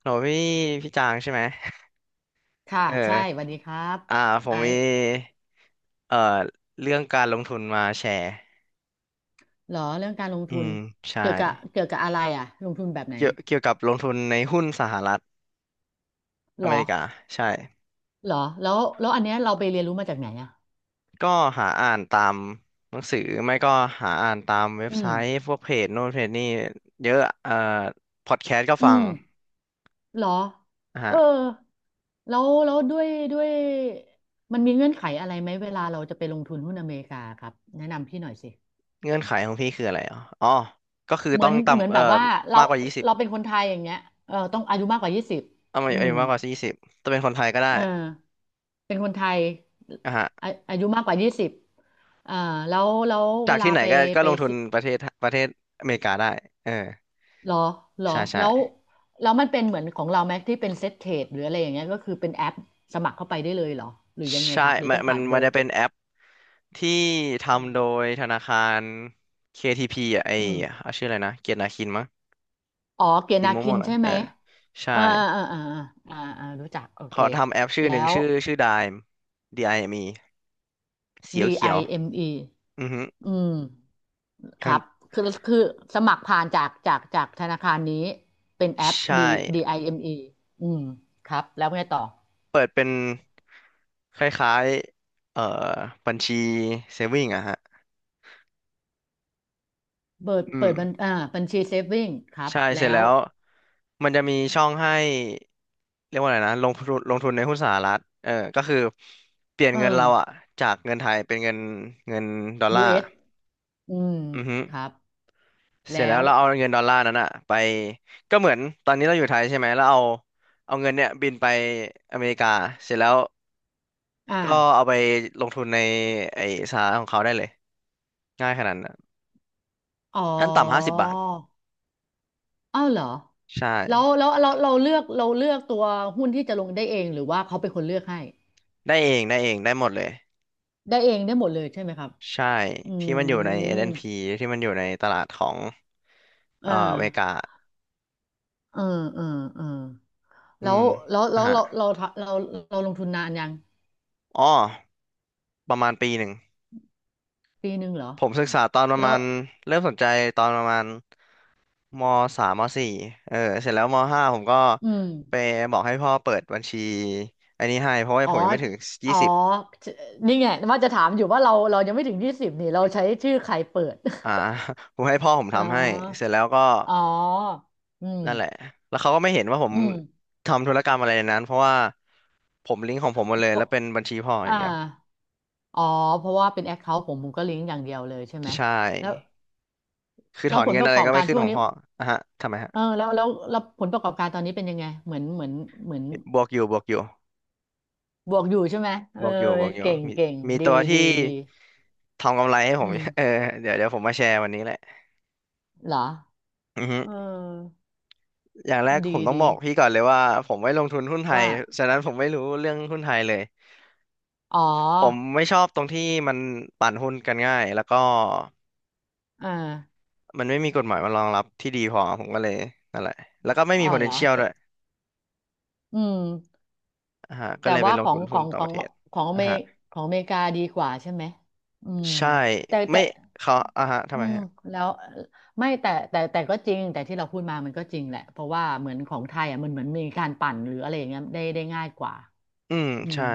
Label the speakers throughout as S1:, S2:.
S1: โหนูพี่พี่จางใช่ไหม
S2: ค่ะ
S1: เอ
S2: ใช่
S1: อ
S2: สวัสดีครับ
S1: อ่าผ
S2: ไอ
S1: มมี
S2: ซ์
S1: เอ่อเรื่องการลงทุนมาแชร์
S2: เหรอเรื่องการลง
S1: อื
S2: ทุน
S1: มใช่
S2: เกี่ยวกับเกี่ยวกับอะไรอ่ะลงทุนแบบไหน
S1: เกี่ยวกับลงทุนในหุ้นสหรัฐ
S2: เห
S1: อ
S2: ร
S1: เม
S2: อ
S1: ริกา ใช่
S2: เหรอแล้วแล้วอันเนี้ยเราไปเรียนรู้มาจากไหนอ่ะ
S1: ก็หาอ่านตามหนังสือ ไม่ก็หาอ่านตามเว็บ
S2: อื
S1: ไซ
S2: ม
S1: ต์พวกเพจโน่นเพจนี่เยอะพอดแคสต์ก็
S2: อื
S1: ฟัง
S2: มเหรอ
S1: นะ
S2: เอ
S1: ฮะ
S2: อแล้วแล้วด้วยด้วยมันมีเงื่อนไขอะไรไหมเวลาเราจะไปลงทุนหุ้นอเมริกาครับแนะนำพี่หน่อยสิ
S1: เงื่อนไขของพี่คืออะไรอ๋ออ๋อก็คือ
S2: เหมื
S1: ต้
S2: อ
S1: อง
S2: นเหมือน
S1: ต่ำ
S2: แบบว่าเรา
S1: มากกว่ายี่สิบ
S2: เราเป็นคนไทยอย่างเงี้ยเออต้องอายุมากกว่ายี่สิบ
S1: เอาไม่
S2: อื
S1: เอ้ย
S2: ม
S1: มากกว่ายี่สิบจะเป็นคนไทยก็ได้
S2: เออ เป็นคนไทย
S1: อ่ะฮะ
S2: อาอายุมากกว่ายี่สิบอ่าแล้วแล้ว
S1: จา
S2: เว
S1: ก
S2: ลา
S1: ที่ไหน
S2: ไป
S1: ก็
S2: ไป
S1: ลงทุน
S2: ซื้อ
S1: ประเทศอเมริกาได้เออ
S2: หรอหรอ
S1: ใช่ใช่
S2: แล้วแล้วมันเป็นเหมือนของเราไหมที่เป็นเซ็ตเทรดหรืออะไรอย่างเงี้ยก็คือเป็นแอปสมัครเข้าไปได้เลยเหรอหรือยังไง
S1: ใช่
S2: ครับหรือ
S1: มัน
S2: ต้อง
S1: มั
S2: ผ่า
S1: น
S2: นโบ
S1: มั
S2: ร
S1: นจะ
S2: ก
S1: เป็นแอปที่
S2: อื
S1: ทำ
S2: ม
S1: โดยธนาคาร KTP อ่ะไอ
S2: อืม
S1: เอาชื่ออะไรนะเกียรตินาคินมั้ง
S2: อ๋อเกียรติ
S1: สี
S2: นา
S1: ม่
S2: คิ
S1: ว
S2: น
S1: งๆนะ
S2: ใช่
S1: เอ
S2: ไหม
S1: อใช่
S2: อ่าอ่าอ่าอาอ่าอ่ารู้จักโอเค
S1: เขาทำแอปชื่อ
S2: แล้
S1: หนึ่ง
S2: ว
S1: ชื่อ Dime D-I-M-E เอ็มอีเขียวเขียว
S2: DIME อเอ็มอี
S1: อือฮึ
S2: อืม ค
S1: มั
S2: รั
S1: น
S2: บคือคือสมัครผ่านจากจากจากธนาคารนี้เป็นแอป
S1: ใช่
S2: D ดี i m e อมอีอืมครับแล้วไงต่อ
S1: เปิดเป็นคล้ายๆบัญชีเซฟวิงอะฮะ
S2: เปิด
S1: อื
S2: เปิ
S1: ม
S2: ดบัญอ่าบัญชีเซฟวิ่งครับ
S1: ใช่เสร็จ
S2: แล้
S1: แล้
S2: ว
S1: วมันจะมีช่องให้เรียกว่าอะไรนะลงทุนในหุ้นสหรัฐเออก็คือเปลี่ยน
S2: เออ
S1: เงินเราอะจากเงินไทยเป็นเงินดอล
S2: ยู
S1: ลา
S2: เอ
S1: ร์
S2: s อืม
S1: อือฮึ
S2: ครับ
S1: เส
S2: แล้
S1: ร็จแล้ว
S2: ว
S1: เราเอาเงินดอลลาร์นั้นอะไปก็เหมือนตอนนี้เราอยู่ไทยใช่ไหมแล้วเอาเงินเนี่ยบินไปอเมริกาเสร็จแล้ว
S2: อ่า
S1: ก็เอาไปลงทุนในไอ้สหรัฐของเขาได้เลยง่ายขนาดนั้น
S2: อ๋
S1: ขั้นต่ำห้าสิบ
S2: อ
S1: บาท
S2: อ้าวเหรอ
S1: ใช่
S2: แล้วแล้วเราเราเลือกเราเลือกตัวหุ้นที่จะลงได้เองหรือว่าเขาเป็นคนเลือกให้
S1: ได้เองได้เองได้หมดเลย
S2: ได้เองได้หมดเลยใช่ไหมครับ
S1: ใช่
S2: อื
S1: ที่มันอยู่ใน
S2: ม
S1: S&P ที่มันอยู่ในตลาดของ
S2: อ่า
S1: อเมริกา
S2: เออเออเออ
S1: อื
S2: แล้ว
S1: ม
S2: แล้ว
S1: นะ
S2: แล้ว
S1: ฮะ
S2: เราเราเราเราลงทุนนานยัง
S1: อ๋อประมาณปีหนึ่ง
S2: ปีหนึ่งเหรอ
S1: ผมศึกษาตอนประ
S2: แล้ว
S1: มาณเริ่มสนใจตอนประมาณมสามมสี่เออเสร็จแล้วมห้าผมก็
S2: อืม
S1: ไปบอกให้พ่อเปิดบัญชีอันนี้ให้เพราะว่า
S2: อ๋อ
S1: ผมยังไม่ถึง
S2: อ๋
S1: ยี่
S2: อ
S1: สิบ
S2: นี่ไงว่าจะถามอยู่ว่าเราเรายังไม่ถึงยี่สิบนี่เราใช้ชื่อใครเปิด
S1: อ่า ผมให้พ่อผม
S2: อ๋
S1: ทำให้เส
S2: อ
S1: ร็จแล้วก็
S2: อ๋ออืม
S1: นั่นแหละแล้วเขาก็ไม่เห็นว่าผม
S2: อืม
S1: ทำธุรกรรมอะไรในนั้นเพราะว่าผมลิงก์ของผมหมดเลย
S2: เพ
S1: แล้
S2: ราะ
S1: วเป็นบัญชีพ่ออ
S2: อ่า
S1: ย่างเดียว
S2: อ๋อเพราะว่าเป็นแอคเคาท์ผมผมก็ลิงก์อย่างเดียวเลยใช่ไหม
S1: ใช่
S2: แล้ว
S1: คือถ
S2: แล้
S1: อ
S2: ว
S1: น
S2: ผล
S1: เงิ
S2: ป
S1: น
S2: ระ
S1: อะไร
S2: กอบ
S1: ก็ไม่
S2: การ
S1: ขึ้น
S2: ช่ว
S1: ข
S2: ง
S1: อง
S2: นี้
S1: พ่ออ่ะฮะทำไมฮะ
S2: เออแล้วแล้วแล้วผลประกอบการตอนนี้เป็นยังไงเหมือนเหมือนเหมือน
S1: บวกอยู่บวกอยู่
S2: บวกอยู่ใช่ไหมเอ
S1: บ
S2: อ
S1: วกอยู่บวกอยู่
S2: เก่ง
S1: มี
S2: เก่ง
S1: มี
S2: ดี
S1: ตัว
S2: ดี
S1: ที่
S2: ดี
S1: ทำกำไรให้ผ
S2: อื
S1: ม
S2: ม
S1: เออเดี๋ยวเดี๋ยวผมมาแชร์วันนี้แหละ
S2: เหรอ
S1: อือฮึ
S2: เออ
S1: อย่างแรกผ
S2: ดี
S1: มต้องบ
S2: ดี
S1: อกพี่ก่อนเลยว่าผมไม่ลงทุนหุ้นไทย
S2: ว่า
S1: ฉะนั้นผมไม่รู้เรื่องหุ้นไทยเลย
S2: อ๋อ
S1: ผมไม่ชอบตรงที่มันปั่นหุ้นกันง่ายแล้วก็
S2: อ่า
S1: มันไม่มีกฎหมายมารองรับที่ดีพอผมก็เลยนั่นแหละแล้วก็ไม่
S2: อ๋
S1: มี
S2: อเหรอ
S1: potential
S2: แต่
S1: ด้วย
S2: อืม
S1: อ่าฮะก็
S2: แต่
S1: เลยไป
S2: ว่า
S1: ล
S2: ข
S1: ง
S2: อ
S1: ทุ
S2: ง
S1: น
S2: ข
S1: หุ้
S2: อ
S1: น
S2: ง
S1: ต่าง
S2: ขอ
S1: ป
S2: ง
S1: ระเทศ
S2: ของอ
S1: อ่า
S2: เม
S1: ฮะ
S2: ริของอเมริกาดีกว่าใช่ไหมอืม
S1: ใช่
S2: แต่แต่
S1: ไม่เขาอ่าฮะทำ
S2: อื
S1: ไม
S2: ม
S1: ฮะ
S2: แล้วไม่แต่แต่แต่ก็จริง แต่ที่เราพูดมามันก็จริงแหละ เพราะว่าเหมือนของไทยอ่ะมันเหมือนมีการปั่นหรืออะไรอย่างเงี้ยได้ได้ง่ายกว่า
S1: อืม
S2: อื
S1: ใช่
S2: ม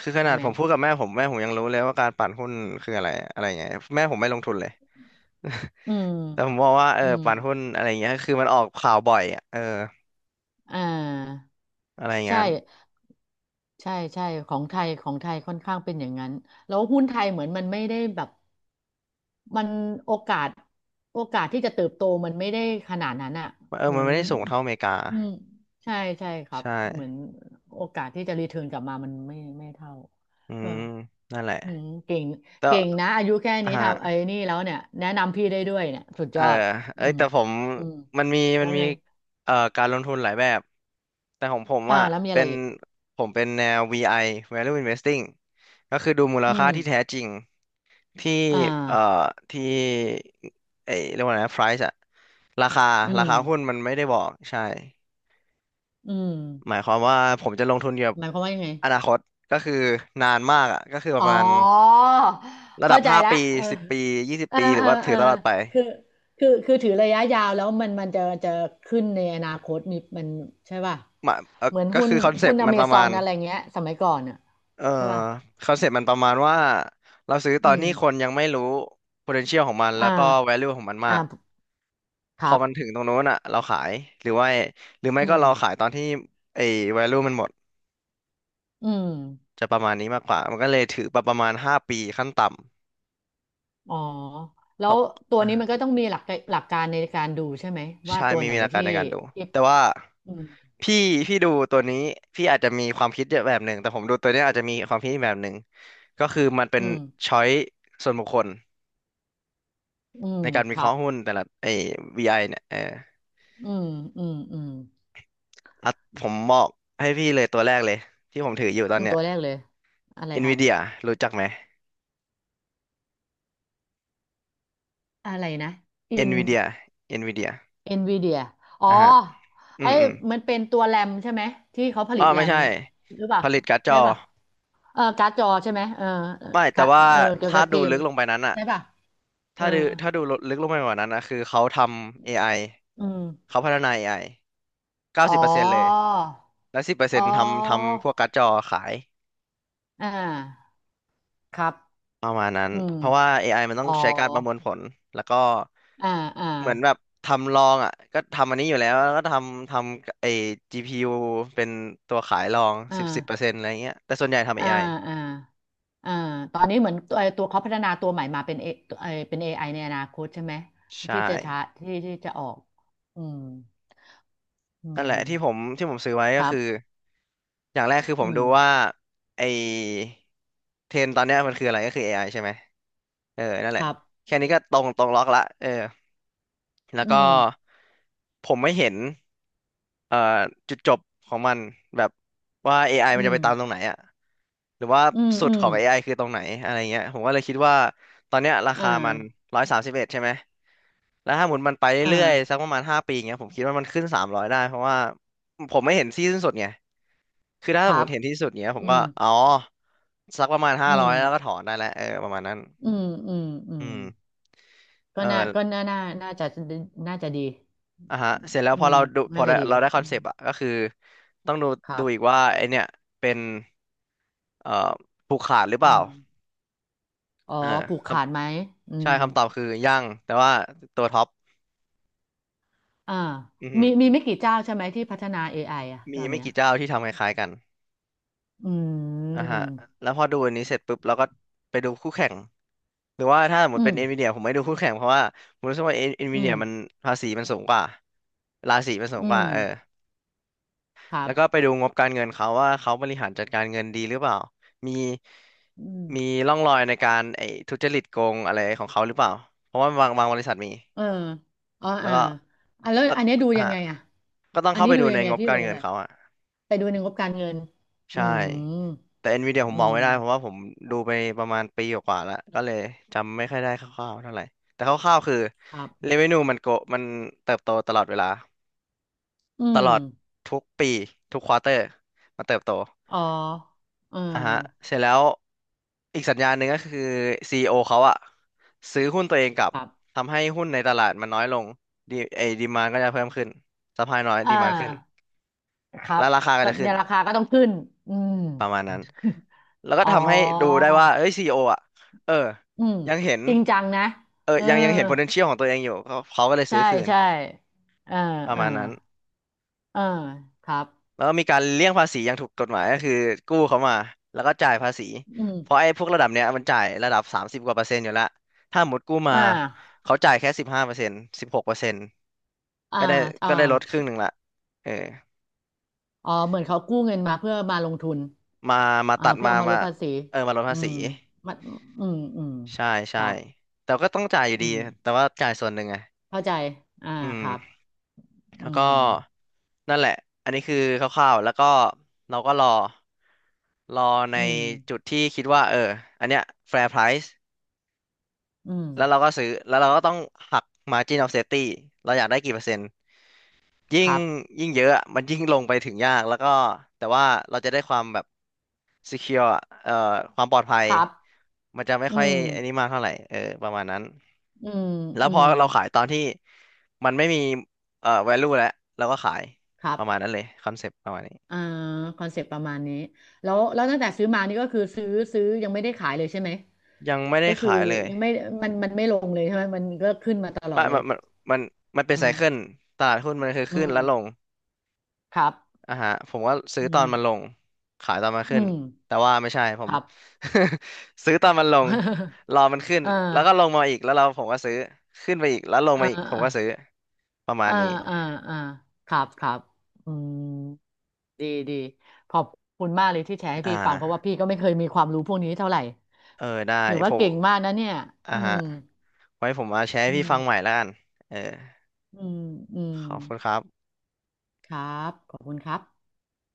S1: คือข
S2: ใช่
S1: นาด
S2: ไหม
S1: ผมพูดกับแม่ผมแม่ผมยังรู้เลยว่าการปั่นหุ้นคืออะไรอะไรเงี้ยแม่ผมไม่ลงทุนเลย
S2: อืม
S1: แต่ผมบอกว่าเออ
S2: อืม
S1: ปั่นหุ้นอะไรเงี้ยคือมันออกข่าวบ่อยอ่ะเออ
S2: อ่า
S1: อะไรเงี้
S2: ใช่
S1: ย
S2: ใช่ใช่ของไทยของไทยค่อนข้างเป็นอย่างนั้นแล้วหุ้นไทยเหมือนมันไม่ได้แบบมันโอกาสโอกาสที่จะเติบโตมันไม่ได้ขนาดนั้นอ่ะ
S1: เออ
S2: เหมื
S1: มัน
S2: อน
S1: ไม่ได้สูงเท่าอเมริกา
S2: อืมใช่ใช่ครั
S1: ใช
S2: บเหมือน
S1: ่
S2: โอกาสที่จะรีเทิร์นกลับมามันไม่ไม่เท่า
S1: อื
S2: ก็
S1: มนั่นแหละ
S2: อืมเก่ง
S1: แต่
S2: เก่งนะอายุแค่
S1: อ่า
S2: นี้ทำไอ้นี่แล้วเนี่ยแนะนำพี่ได้ด้วยเนี่ยสุด
S1: เอ
S2: ย
S1: อ
S2: อด
S1: เอ้
S2: อื
S1: ย
S2: ม
S1: แต่ผม
S2: อืม
S1: มันมี
S2: แล้
S1: มั
S2: ว
S1: นมี
S2: ไง
S1: การลงทุนหลายแบบแต่ของผม
S2: อ่า
S1: อ่ะ
S2: แล้วมีอะ
S1: เป็
S2: ไร
S1: น
S2: อีก
S1: ผมเป็นแนว VI Value Investing ก็คือดูมูล
S2: อื
S1: ค่า
S2: ม
S1: ที่แท้จริงที่
S2: อ่า
S1: เอ่อที่เอ้ยเรียกว่าไงนะ price อะราคา
S2: อื
S1: รา
S2: ม
S1: คาหุ้นมันไม่ได้บอกใช่
S2: อืม
S1: หมายความว่าผมจะลงทุนเกี่ยวกับ
S2: หมายความว่ายังไง
S1: อนาคตก็คือนานมากอ่ะก็คือป
S2: อ๋
S1: ระ
S2: อ
S1: มาณระดั
S2: เข้า
S1: บ
S2: ใจ
S1: ห้า
S2: ละ
S1: ปี
S2: เออ
S1: สิบปียี่สิบ
S2: เออ
S1: ปีหรื
S2: เอ
S1: อ
S2: อ
S1: ว่าถื
S2: เออ
S1: อตลอดไป
S2: คือคือคือถือระยะยาวแล้วมันมันจะจะขึ้นในอนาคตมีมันใช่ป่ะ
S1: มาเออ
S2: เหมือน
S1: ก็
S2: หุ้น
S1: คือคอนเซ
S2: หุ้
S1: ป
S2: น
S1: ต์
S2: อ
S1: มัน
S2: เม
S1: ประ
S2: ซอ
S1: มา
S2: น
S1: ณ
S2: อะไรเงี้ยสมัยก่อนอ่ะ
S1: เอ่อ
S2: ใช่ป่ะ
S1: คอนเซปต์มันประมาณว่าเราซื้อต
S2: อื
S1: อน
S2: ม
S1: ที่คนยังไม่รู้ potential ของมันแล้
S2: อ่า
S1: วก็ value ของมันมา
S2: อ่า
S1: ก
S2: ค
S1: พอ
S2: รับ
S1: มันถึงตรงนู้นอ่ะเราขายหรือว่าหรือไม่
S2: อื
S1: ก็
S2: ม
S1: เราขายตอนที่ไอ้ value มันหมด
S2: อืม
S1: จะประมาณนี้มากกว่ามันก็เลยถือไปประมาณห้าปีขั้นต่
S2: อ๋อ
S1: ำ
S2: แล้
S1: เพ
S2: ว
S1: ราะ
S2: ตัว
S1: อ่า
S2: นี้มันก็ต้องมีหลักหลักการในการดูใช่ไหมว่า
S1: ใช่
S2: ตัว
S1: ไมี
S2: ไหน
S1: มีหลักการ
S2: ที่
S1: ในการดู
S2: ที่
S1: แต่ว่า
S2: อืม
S1: พี่พี่ดูตัวนี้พี่อาจจะมีความคิดแบบหนึ่งแต่ผมดูตัวเนี้ยอาจจะมีความคิดอีกแบบหนึ่งก็คือมันเป็
S2: อื
S1: น
S2: ม
S1: ช้อยส่วนบุคคล
S2: อืม
S1: ในการ
S2: ค
S1: วิเค
S2: รั
S1: ราะ
S2: บ
S1: ห์หุ้นแต่ละไอ้ VI เนี่ยเออ
S2: อืมอืมอืม
S1: อ่ะผมบอกให้พี่เลยตัวแรกเลยที่ผมถืออยู่ตอ
S2: อื
S1: น
S2: ม
S1: เนี้ย
S2: ตัวแรกเลยอะไรครับ
S1: NVIDIA รู้จักไหม
S2: อะไรนะอิน
S1: NVIDIA NVIDIA
S2: เอ็นวีเดียอ๋อ
S1: อ่าฮะอื
S2: ไอ้
S1: มอืม
S2: มันเป็นตัวแรมใช่ไหมที่เขาผ
S1: อ๋
S2: ลิ
S1: อ
S2: ตแร
S1: ไม่
S2: ม
S1: ใช่
S2: หรือเป
S1: ผ
S2: ล่า
S1: ลิตการ์ดจ
S2: ใช่
S1: อ
S2: ป่ะเออการ์ดจอใช่ไหมเออเออ
S1: ไม่
S2: ก
S1: แต่
S2: ร
S1: ว่า
S2: เออเกี่ยว
S1: ถ้า
S2: กับเก
S1: ดู
S2: ม
S1: ลึกลงไปนั้นอะ
S2: ใช่ป่ะเออ
S1: ถ้าดูลึกลงไปกว่านั้นอะคือเขาทำ AI
S2: อืม
S1: เขาพัฒนา AI เก้าสิบ
S2: อ๋อ
S1: เปอร์เซ็นต์เลยและสิบเปอร์เซ็
S2: อ๋อ
S1: นต์ทำพวกการ์ดจอขาย
S2: อ่าครับ
S1: ประมาณนั้น
S2: อืม
S1: เพราะว่า AI มันต้อ
S2: อ๋
S1: ง
S2: อ
S1: ใช้การประมวลผล แล้วก็
S2: อ่าอ่า
S1: เหมือนแบบทำลองอ่ะก็ทำอันนี้อยู่แล้วแล้วก็ทำไอ้ GPU เป็นตัวขายลอง
S2: อ่
S1: สิบเปอร์เซ็
S2: า
S1: นต์อะไรเงี้ยแต่ส่วนใหญ่ทำ
S2: อ่า
S1: AI
S2: อ่าอ่าตอนนี้เหมือนตัวไอ้ตัวเขาพัฒนาตัวใหม่มาเป็นเอไอเป็น AI ในอนาคตใช่ไหม
S1: ใช่
S2: ที่จะช้าที่ที่จะออกอืมอื
S1: นั่นแห
S2: ม
S1: ละที่ผมซื้อไว้
S2: ค
S1: ก็
S2: รั
S1: คือ
S2: บ
S1: อย่างแรกคือผ
S2: อื
S1: ม
S2: ม
S1: ดูว่าไอเทรนด์ตอนเนี้ยมันคืออะไรก็คือ AI ใช่ไหมเออนั่นแห
S2: ค
S1: ละ
S2: รับ
S1: แค่นี้ก็ตรงล็อกละเออแล้ว
S2: อื
S1: ก็
S2: ม
S1: ผมไม่เห็นเอ่อจุดจบของมันแบบว่า AI
S2: อื
S1: มันจะ
S2: ม
S1: ไปตามตรงไหนอะหรือว่า
S2: อืม
S1: สุด
S2: อื
S1: ข
S2: ม
S1: อง AI คือตรงไหนอะไรเงี้ยผมก็เลยคิดว่าตอนเนี้ยราคา
S2: อ่า
S1: มัน131ใช่ไหม แล้วถ้าหมุนมันไป
S2: อ่
S1: เรื่อยๆสัก
S2: า
S1: ประมาณ5 ปีเงี้ยผมคิดว่ามันขึ้น300ได้เพราะว่าผมไม่เห็นที่สิ้นสุดไงคือถ้า
S2: ค
S1: สม
S2: รั
S1: ม
S2: บ
S1: ติเห็นที่สุดเงี้ยผม
S2: อื
S1: ก็
S2: ม
S1: อ๋อสักประมาณห้า
S2: อื
S1: ร้
S2: ม
S1: อยแล้วก็ถอนได้แล้วเออประมาณนั้น
S2: อืมอืมอืม
S1: อืม
S2: ก็
S1: เอ
S2: น่า
S1: อ
S2: ก็น่าน่าน่าจะน่าจะดี
S1: อ่ะฮะเสร็จแล้ว
S2: อื
S1: พอ
S2: ม
S1: เราดูพอ
S2: น่า
S1: ได้
S2: จะดีเล
S1: เรา
S2: ย
S1: ได้ค
S2: อื
S1: อนเซ
S2: ม
S1: ปต์อะก็คือต้องดู
S2: ครั
S1: ดูอีก
S2: บ
S1: ว่าไอเนี่ยเป็นเอ่อผูกขาดหรือเป
S2: อื
S1: ล่า
S2: มอ๋อ
S1: เออ
S2: ผูก
S1: ค
S2: ขาดไหมอื
S1: ำใช่
S2: ม
S1: คำตอบคือยังแต่ว่าตัวท็อป
S2: อ่า
S1: อือฮึ
S2: มีมีไม่กี่เจ้าใช่ไหมที่พัฒนา AI อไออ่ะต
S1: มี
S2: อน
S1: ไม่
S2: เนี้ย
S1: กี่เจ้าที่ทำคล้ายๆกัน
S2: อื
S1: อ่ะฮะ
S2: ม
S1: แล้วพอดูอันนี้เสร็จปุ๊บเราก็ไปดูคู่แข่งหรือว่าถ้าสมม
S2: อื
S1: ติเป็
S2: ม
S1: นเอ็นวีเดียผมไม่ดูคู่แข่งเพราะว่าผมรู้สึกว่าเอ็นวี
S2: อื
S1: เดี
S2: ม
S1: ยมันภาษีมันสูงกว่าราษีมันสู
S2: อื
S1: งกว่า
S2: ม
S1: เออ
S2: ครั
S1: แล้วก็ไป
S2: บ
S1: ดูงบการเงินเขาว่าเขาบริหารจัดการเงินดีหรือเปล่ามี
S2: อืม
S1: มีร่องรอยในการไอ้ทุจริตโกงอะไรของเขาหรือเปล่าเพราะว่าบางบริษัทมี
S2: เอออ๋อ
S1: แล้ว
S2: อ่า
S1: ก็
S2: อ่ะแล้ว
S1: แล้ว
S2: อันเนี้ยดูยั
S1: ฮะ
S2: งไงอ่ะ
S1: ก็ต้อง
S2: อัน
S1: เข้า
S2: นี้
S1: ไป
S2: ดู
S1: ดู
S2: ยั
S1: ใน
S2: งไง
S1: งบ
S2: พี่
S1: กา
S2: ล
S1: ร
S2: ง
S1: เงิ
S2: เล
S1: น
S2: ย
S1: เขาอ่ะ
S2: ไปดูในงบการเงินอื
S1: ใช่
S2: ม
S1: แต่ Nvidia ผมม
S2: อื
S1: อง
S2: ม
S1: ไม่ได้เพราะว่าผมดูไปประมาณปีกว่าๆแล้วก็เลยจำไม่ค่อยได้คร่าวๆเท่าไหร่แต่คร่าวๆคือ
S2: ครับ
S1: revenue มันเติบโตตลอดเวลา
S2: อื
S1: ตล
S2: ม
S1: อดทุกปีทุกควอเตอร์มันเติบโต
S2: อ๋อเออ
S1: อ่ะฮะเสร็จแล้วอีกสัญญาณหนึ่งก็คือ CEO เขาอะซื้อหุ้นตัวเองกลับ
S2: ครับ
S1: ทำให้หุ้นในตลาดมันน้อยลงดีไอ้ดีมานก็จะเพิ่มขึ้นสปายน้อย
S2: เออ
S1: ดีมานขึ้น
S2: ครั
S1: แล้
S2: บ
S1: วราคาก็
S2: ก็
S1: จะขึ้
S2: เนี่
S1: น
S2: ยราคาก็ต้องขึ้นอืม
S1: ประมาณนั้น แล้ว ก็
S2: อ๋อ
S1: ทำให้ดูได้ว่าเอ้ยซีอีโออ่ะเออ
S2: อืม
S1: ยังเห็น
S2: จริงจังนะ
S1: เอ
S2: เออ
S1: ยังเห็น potential ของตัวเองอยู่เขาก็เลยซื้
S2: ใช่
S1: อคืน
S2: ใช่เออ
S1: ประ
S2: เออ
S1: มาณนั้น
S2: เออครับ
S1: แล้วก็มีการเลี่ยงภาษีอย่างถูกกฎหมายก็คือกู้เขามาแล้วก็จ่ายภาษี
S2: อืม
S1: เพราะไอ้พวกระดับเนี้ยมันจ่ายระดับ30 กว่า%อยู่แล้วถ้าหมดกู้มา
S2: อ่า
S1: เขาจ่ายแค่15%16%
S2: อ่า
S1: ก็ได้
S2: อ่า
S1: ก็ได้ลดครึ่งหนึ่งละเออ
S2: อ๋อเหมือนเขากู้เงินมาเพื่อมาลงทุน
S1: มา
S2: อ่าเพื่อ
S1: มา
S2: เอามาล
S1: มา
S2: ดภาษี
S1: เออมาลด
S2: อื
S1: ภาษี
S2: มมันอืมอืม
S1: ใช่
S2: ค
S1: ใช่
S2: รับ
S1: แต่ก็ต้องจ่ายอยู่
S2: อื
S1: ดี
S2: ม
S1: แต่ว่าจ่ายส่วนหนึ่งไง
S2: เข้าใจอ่า
S1: อื
S2: ครับ
S1: ม แล้ว
S2: อื
S1: ก็
S2: ม
S1: นั่นแหละ อันนี้คือคร่าวๆแล้วก็เราก็รอใน
S2: อืม
S1: จุดที่คิดว่าเอออันเนี้ย fair price
S2: อืม
S1: แล้วเราก็ซื้อแล้วเราก็ต้องหัก margin of safety เราอยากได้กี่เปอร์เซ็นต์ ยิ่
S2: ค
S1: ง
S2: รับ
S1: ยิ่งเยอะอะมันยิ่งลงไปถึงยาก แล้วก็แต่ว่าเราจะได้ความแบบ secure อเอ่อความปลอดภัย
S2: ครับ
S1: มันจะไม่
S2: อื
S1: ค่อย
S2: ม
S1: อันนี้มากเท่าไหร่เออประมาณนั้น
S2: อืม
S1: แล้ว
S2: อื
S1: พอ
S2: ม
S1: เราขายตอนที่มันไม่มีvalue แล้วเราก็ขาย
S2: ครั
S1: ป
S2: บ
S1: ระมาณนั้นเลยคอนเซปต์ประมาณนี้
S2: อ่าคอนเซปต์ประมาณนี้แล้วแล้วตั้งแต่ซื้อมานี่ก็คือซื้อซื้อยังไม่ได้ขายเลยใช่ไหม
S1: ยังไม่ได้
S2: ก็คือ
S1: ขายเลย
S2: ยังไม่มันมันไม่ลงเลยใช่ไหมมันก็ขึ้นมาตลอ
S1: มั
S2: ด
S1: น
S2: เล
S1: มั
S2: ย
S1: นมันมันมันเป็น
S2: อื
S1: ไซเคิล
S2: ม
S1: ตลาดหุ้นมันคือ
S2: อื
S1: ขึ้น
S2: ม
S1: และลง
S2: ครับ
S1: อ่ะฮะผมก็ซื้
S2: อื
S1: อตอ
S2: ม
S1: นมันลงขายตอนมัน
S2: อื
S1: ขึ้น
S2: ม
S1: แต่ว่าไม่ใช่ผ
S2: ค
S1: ม
S2: รับ
S1: ซื้อตอนมันลง รอมันขึ้น
S2: อ่า
S1: แล้วก็ลงมาอีกแล้วเราผมก็ซื้อขึ้นไปอีกแล้วลง
S2: อ่า
S1: มาอีกผม
S2: อ่า
S1: ก็ซื้อ ประมาณ
S2: อ่า
S1: นี้
S2: อ่าครับครับอืมดีดีขอบคุณมากเลยที่แชร์ให้
S1: อ่
S2: พี่ฟังเพราะว่า
S1: า
S2: พี่ก็ไม่เคยมีความรู้พวกนี้เท่าไหร่
S1: เออได้
S2: ถือ
S1: ผ
S2: ว่า
S1: ม
S2: เก่งมากนะเนี่ย
S1: อ่า
S2: อื
S1: ฮะ
S2: ม
S1: ไว้ผมมาแชร์
S2: อื
S1: ให้พี่ฟังใหม่
S2: ม
S1: แล้วกันเออ
S2: อืมอืม
S1: ขอบคุณครับ
S2: ครับ ขอบคุณครับ